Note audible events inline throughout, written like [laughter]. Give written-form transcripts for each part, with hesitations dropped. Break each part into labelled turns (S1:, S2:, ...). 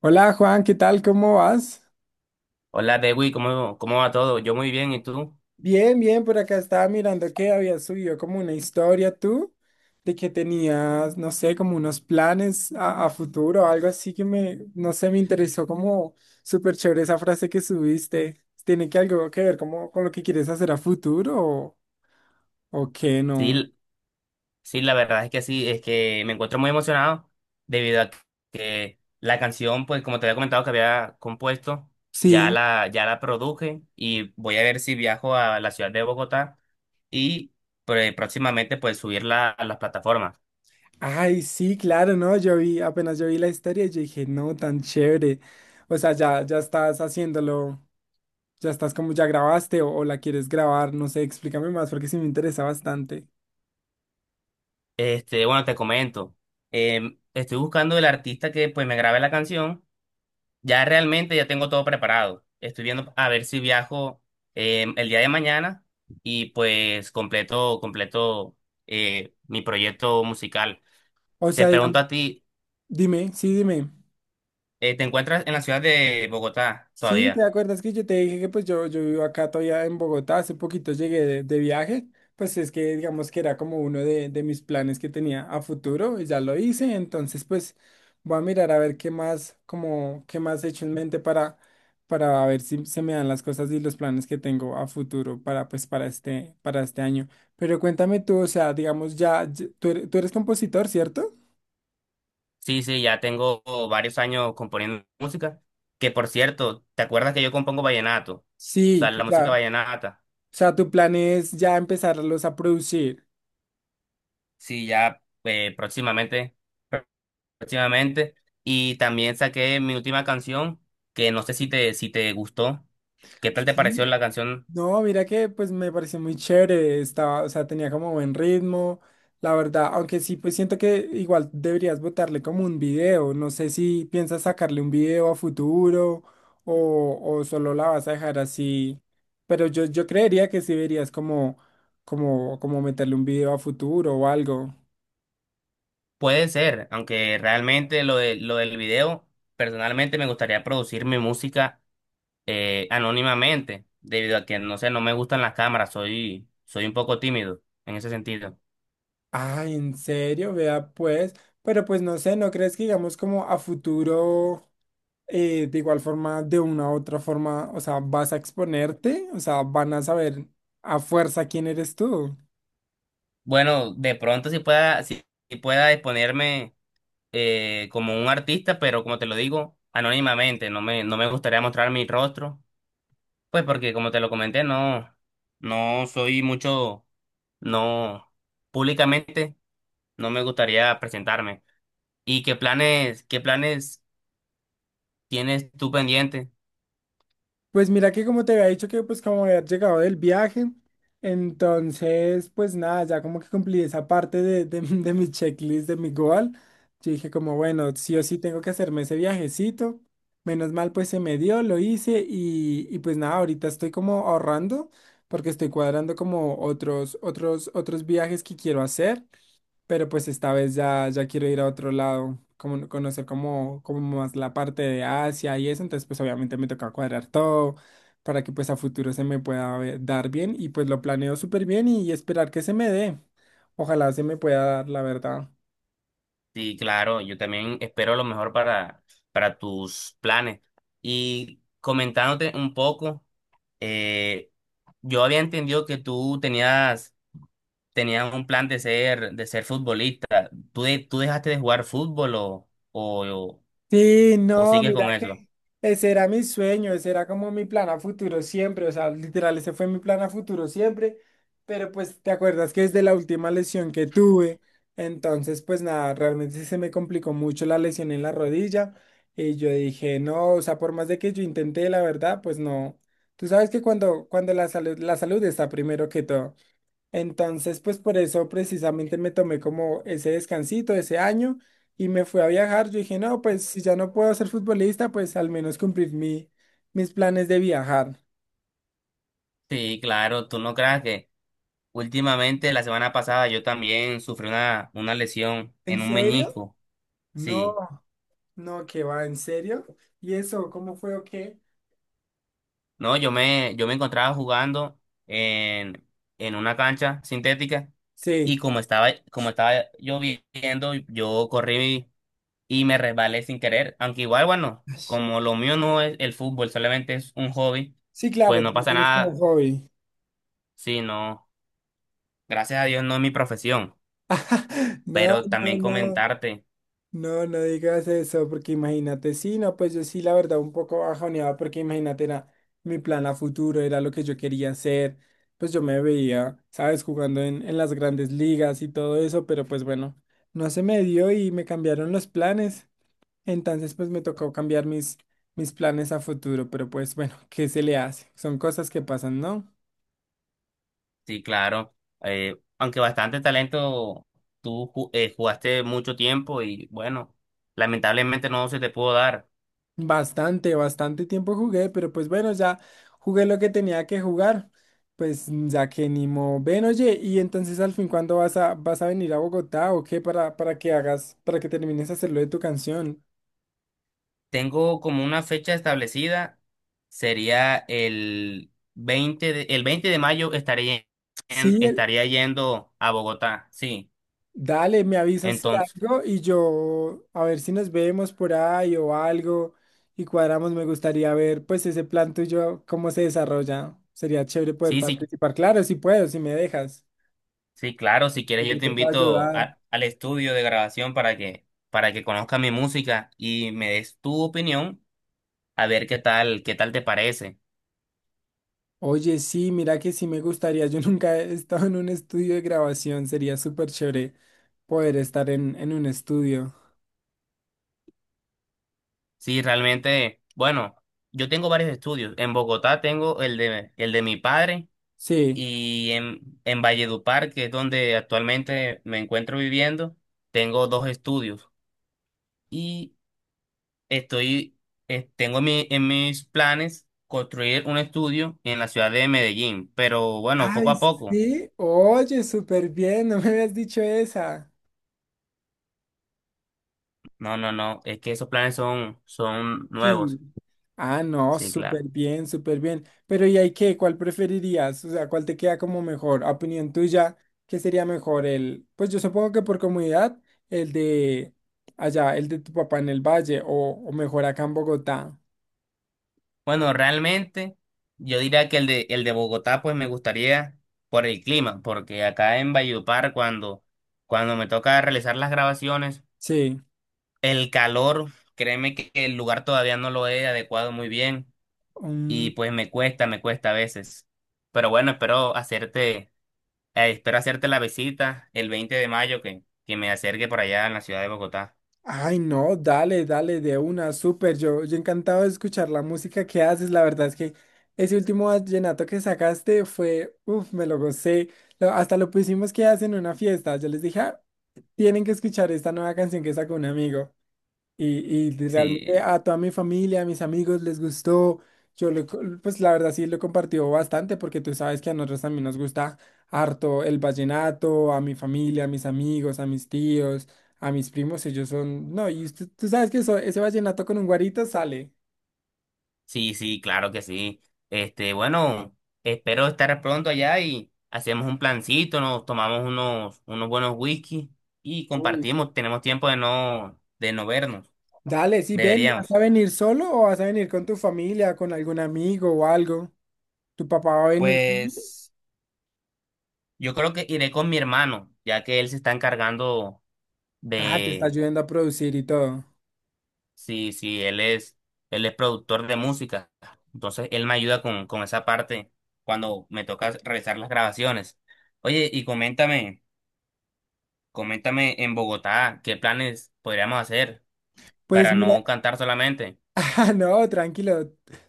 S1: Hola Juan, ¿qué tal? ¿Cómo vas?
S2: Hola, Dewi, ¿cómo va todo? Yo muy bien, ¿y tú?
S1: Bien, bien, por acá estaba mirando que habías subido como una historia tú, de que tenías, no sé, como unos planes a futuro o algo así que me, no sé, me interesó como súper chévere esa frase que subiste. ¿Tiene que algo que ver como con lo que quieres hacer a futuro o qué no?
S2: Sí, sí, la verdad es que sí, es que me encuentro muy emocionado debido a que la canción, pues como te había comentado que había compuesto, ya
S1: Sí.
S2: la, ya la produje y voy a ver si viajo a la ciudad de Bogotá y pues, próximamente pues subirla a las plataformas.
S1: Ay, sí, claro, no, yo vi, apenas yo vi la historia, yo dije, no, tan chévere. O sea, ya estás haciéndolo. Ya estás como, ya grabaste o la quieres grabar, no sé, explícame más porque sí me interesa bastante.
S2: Este, bueno, te comento, estoy buscando el artista que pues me grabe la canción. Ya realmente ya tengo todo preparado. Estoy viendo a ver si viajo el día de mañana y pues completo mi proyecto musical.
S1: O
S2: Te
S1: sea, digamos,
S2: pregunto a ti,
S1: dime.
S2: ¿te encuentras en la ciudad de Bogotá
S1: Sí, ¿te
S2: todavía?
S1: acuerdas que yo te dije que pues yo vivo acá todavía en Bogotá? Hace poquito llegué de viaje, pues es que digamos que era como uno de mis planes que tenía a futuro y ya lo hice, entonces pues voy a mirar a ver qué más, como qué más he hecho en mente para ver si se me dan las cosas y los planes que tengo a futuro para pues para este año. Pero cuéntame tú, o sea, digamos ya, tú eres compositor, ¿cierto?
S2: Sí, sí, ya tengo varios años componiendo música. Que por cierto, ¿te acuerdas que yo compongo vallenato? O
S1: Sí,
S2: sea, la música
S1: o
S2: vallenata.
S1: sea, tu plan es ya empezarlos a producir.
S2: Sí, ya próximamente. Próximamente. Y también saqué mi última canción, que no sé si te gustó. ¿Qué tal te
S1: Sí.
S2: pareció la canción?
S1: No, mira que pues me pareció muy chévere, estaba, o sea, tenía como buen ritmo, la verdad, aunque sí, pues siento que igual deberías botarle como un video, no sé si piensas sacarle un video a futuro o solo la vas a dejar así, pero yo creería que sí deberías como, como meterle un video a futuro o algo.
S2: Puede ser, aunque realmente lo del video, personalmente me gustaría producir mi música anónimamente, debido a que, no sé, no me gustan las cámaras, soy un poco tímido en ese sentido.
S1: Ah, ¿en serio? Vea pues, pero pues no sé, ¿no crees que digamos como a futuro? De igual forma, de una u otra forma, o sea, vas a exponerte, o sea, van a saber a fuerza quién eres tú.
S2: Bueno, de pronto si pueda, si si pueda exponerme como un artista, pero como te lo digo, anónimamente, no me gustaría mostrar mi rostro. Pues porque como te lo comenté, no, no soy mucho, no, públicamente no me gustaría presentarme. ¿Y qué planes tienes tú pendiente?
S1: Pues mira que como te había dicho que pues como había llegado del viaje, entonces pues nada, ya como que cumplí esa parte de, [laughs] de mi checklist, de mi goal. Yo dije como, bueno, sí o sí tengo que hacerme ese viajecito. Menos mal pues se me dio, lo hice y pues nada, ahorita estoy como ahorrando porque estoy cuadrando como otros viajes que quiero hacer. Pero pues esta vez ya, ya quiero ir a otro lado, como, conocer como, como más la parte de Asia y eso, entonces pues obviamente me toca cuadrar todo para que pues a futuro se me pueda dar bien y pues lo planeo súper bien y esperar que se me dé. Ojalá se me pueda dar, la verdad.
S2: Sí, claro, yo también espero lo mejor para tus planes. Y comentándote un poco, eh, yo había entendido que tú tenías un plan de ser futbolista. ¿Tú, tú dejaste de jugar fútbol
S1: Sí,
S2: o
S1: no,
S2: sigues
S1: mira
S2: con eso?
S1: que ese era mi sueño, ese era como mi plan a futuro siempre, o sea, literal, ese fue mi plan a futuro siempre, pero pues te acuerdas que desde la última lesión que tuve, entonces pues nada, realmente se me complicó mucho la lesión en la rodilla y yo dije, no, o sea, por más de que yo intenté, la verdad, pues no, tú sabes que cuando, cuando la salud está primero que todo. Entonces, pues por eso precisamente me tomé como ese descansito, ese año, y me fui a viajar. Yo dije, no, pues si ya no puedo ser futbolista, pues al menos cumplir mi, mis planes de viajar.
S2: Sí, claro, tú no creas que últimamente la semana pasada yo también sufrí una lesión
S1: ¿En
S2: en un
S1: serio?
S2: meñisco.
S1: No,
S2: Sí,
S1: no, que va, ¿en serio? ¿Y eso, cómo fue o qué?
S2: no, yo me encontraba jugando en, en una cancha sintética y
S1: Sí,
S2: como estaba lloviendo, yo corrí y me resbalé sin querer. Aunque igual, bueno, como lo mío no es el fútbol, solamente es un hobby,
S1: sí,
S2: pues
S1: claro,
S2: no
S1: tú lo
S2: pasa
S1: tienes como
S2: nada.
S1: hobby.
S2: Sí, no, gracias a Dios no es mi profesión,
S1: [laughs] No,
S2: pero
S1: no,
S2: también
S1: no.
S2: comentarte.
S1: No, no digas eso, porque imagínate, sí, no, pues yo sí, la verdad, un poco bajoneaba, porque imagínate, era mi plan a futuro, era lo que yo quería hacer, pues yo me veía, sabes, jugando en las grandes ligas y todo eso, pero pues bueno, no se me dio y me cambiaron los planes, entonces pues me tocó cambiar mis, mis planes a futuro, pero pues bueno, ¿qué se le hace? Son cosas que pasan, ¿no?
S2: Sí, claro. Aunque bastante talento, tú jugaste mucho tiempo y bueno, lamentablemente no se te pudo dar.
S1: Bastante, bastante tiempo jugué, pero pues bueno, ya jugué lo que tenía que jugar. Pues ya que ni modo. Ven, oye, y entonces al fin, ¿cuándo vas a, vas a venir a Bogotá o qué para que hagas, para que termines de hacerlo de tu canción?
S2: Tengo como una fecha establecida, sería el 20 de mayo estaría,
S1: Sí,
S2: estaría yendo a Bogotá, sí.
S1: dale, me avisas si
S2: Entonces,
S1: algo y yo a ver si nos vemos por ahí o algo y cuadramos. Me gustaría ver pues ese plan tuyo, cómo se desarrolla. Sería chévere poder
S2: sí, sí,
S1: participar. Claro, si puedo, si me dejas.
S2: sí, claro, si quieres yo
S1: Yo
S2: te
S1: te puedo
S2: invito
S1: ayudar.
S2: al estudio de grabación para que conozcas mi música y me des tu opinión a ver qué tal te parece.
S1: Oye, sí, mira que sí me gustaría. Yo [laughs] nunca he estado en un estudio de grabación. Sería súper chévere poder estar en un estudio.
S2: Sí, realmente, bueno, yo tengo varios estudios. En Bogotá tengo el de mi padre
S1: Sí.
S2: y en Valledupar, que es donde actualmente me encuentro viviendo, tengo dos estudios. Y estoy, tengo en en mis planes construir un estudio en la ciudad de Medellín, pero bueno, poco
S1: Ay,
S2: a poco.
S1: sí. Oye, súper bien. No me habías dicho esa.
S2: No, no, no, es que esos planes son
S1: Sí.
S2: nuevos.
S1: Ah, no,
S2: Sí,
S1: súper
S2: claro.
S1: bien, súper bien. Pero ¿y ahí qué? ¿Cuál preferirías? O sea, ¿cuál te queda como mejor? A opinión tuya, ¿qué sería mejor? El, pues yo supongo que por comodidad, el de allá, el de tu papá en el valle o mejor acá en Bogotá.
S2: Bueno, realmente yo diría que el de Bogotá pues me gustaría por el clima, porque acá en Valledupar cuando me toca realizar las grabaciones,
S1: Sí.
S2: el calor, créeme que el lugar todavía no lo he adecuado muy bien y pues me cuesta a veces. Pero bueno, espero hacerte la visita el 20 de mayo que me acerque por allá en la ciudad de Bogotá.
S1: Ay, no, dale, dale, de una, súper. Yo encantado de escuchar la música que haces. La verdad es que ese último vallenato que sacaste fue, uff, me lo gocé. Hasta lo pusimos que hacen en una fiesta. Yo les dije, "Ah, tienen que escuchar esta nueva canción que sacó un amigo. Y realmente
S2: Sí,
S1: a toda mi familia, a mis amigos les gustó. Yo, pues la verdad sí lo compartió bastante porque tú sabes que a nosotros también nos gusta harto el vallenato, a mi familia, a mis amigos, a mis tíos, a mis primos, ellos son... No, y tú sabes que ese vallenato con un guarito sale.
S2: sí, sí, claro que sí. Este, bueno, espero estar pronto allá y hacemos un plancito, nos tomamos unos, unos buenos whisky y
S1: Uy.
S2: compartimos. Tenemos tiempo de no vernos.
S1: Dale, sí, ven, ¿vas a
S2: Deberíamos.
S1: venir solo o vas a venir con tu familia, con algún amigo o algo? ¿Tu papá va a venir también?
S2: Pues yo creo que iré con mi hermano, ya que él se está encargando
S1: Ah, te está
S2: de,
S1: ayudando a producir y todo.
S2: sí, sí, él es productor de música. Entonces él me ayuda con esa parte cuando me toca realizar las grabaciones. Oye, y coméntame. Coméntame en Bogotá qué planes podríamos hacer
S1: Pues
S2: para
S1: mira.
S2: no cantar solamente.
S1: [laughs] Ah, no, tranquilo.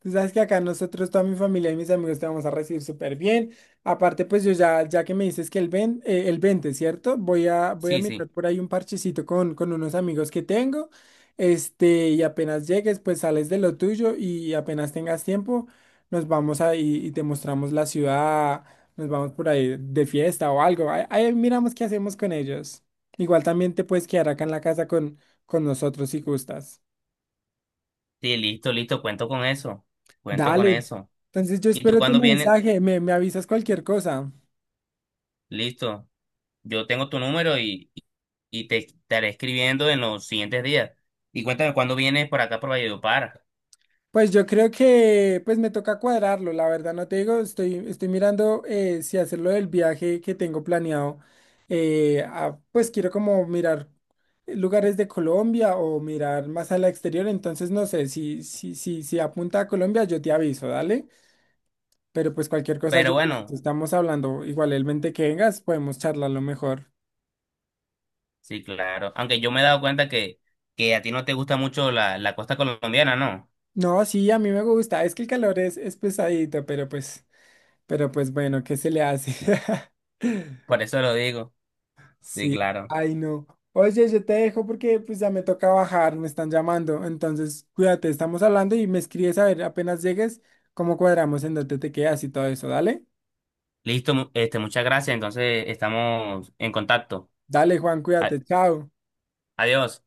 S1: Tú sabes que acá nosotros, toda mi familia y mis amigos te vamos a recibir súper bien. Aparte, pues yo ya, ya que me dices que el, ven, el 20, ¿cierto? Voy a, voy a
S2: Sí,
S1: mirar
S2: sí.
S1: por ahí un parchecito con unos amigos que tengo. Este, y apenas llegues, pues sales de lo tuyo y apenas tengas tiempo, nos vamos ahí y te mostramos la ciudad, nos vamos por ahí de fiesta o algo. Ahí, ahí miramos qué hacemos con ellos. Igual también te puedes quedar acá en la casa con nosotros si gustas.
S2: Sí, listo, listo, cuento con eso. Cuento con
S1: Dale.
S2: eso.
S1: Entonces yo
S2: ¿Y tú
S1: espero tu
S2: cuándo vienes?
S1: mensaje, me avisas cualquier cosa.
S2: Listo. Yo tengo tu número y te estaré escribiendo en los siguientes días. Y cuéntame cuándo vienes por acá por Valledupar.
S1: Pues yo creo que pues me toca cuadrarlo, la verdad no te digo, estoy, estoy mirando si hacerlo del viaje que tengo planeado. Pues quiero como mirar lugares de Colombia o mirar más al exterior, entonces no sé, si, si, si, si apunta a Colombia yo te aviso, dale. Pero pues cualquier cosa yo
S2: Pero
S1: te aviso,
S2: bueno,
S1: estamos hablando, igualmente que vengas, podemos charlarlo mejor.
S2: sí, claro. Aunque yo me he dado cuenta que a ti no te gusta mucho la, la costa colombiana, ¿no?
S1: No, sí, a mí me gusta. Es que el calor es pesadito, pero pues bueno, ¿qué se le hace? [laughs]
S2: Por eso lo digo. Sí,
S1: Sí,
S2: claro.
S1: ay no. Oye, yo te dejo porque pues ya me toca bajar, me están llamando. Entonces, cuídate, estamos hablando y me escribes a ver apenas llegues cómo cuadramos en dónde te quedas y todo eso. Dale,
S2: Listo, este, muchas gracias. Entonces estamos en contacto.
S1: dale, Juan,
S2: A-
S1: cuídate, chao.
S2: Adiós.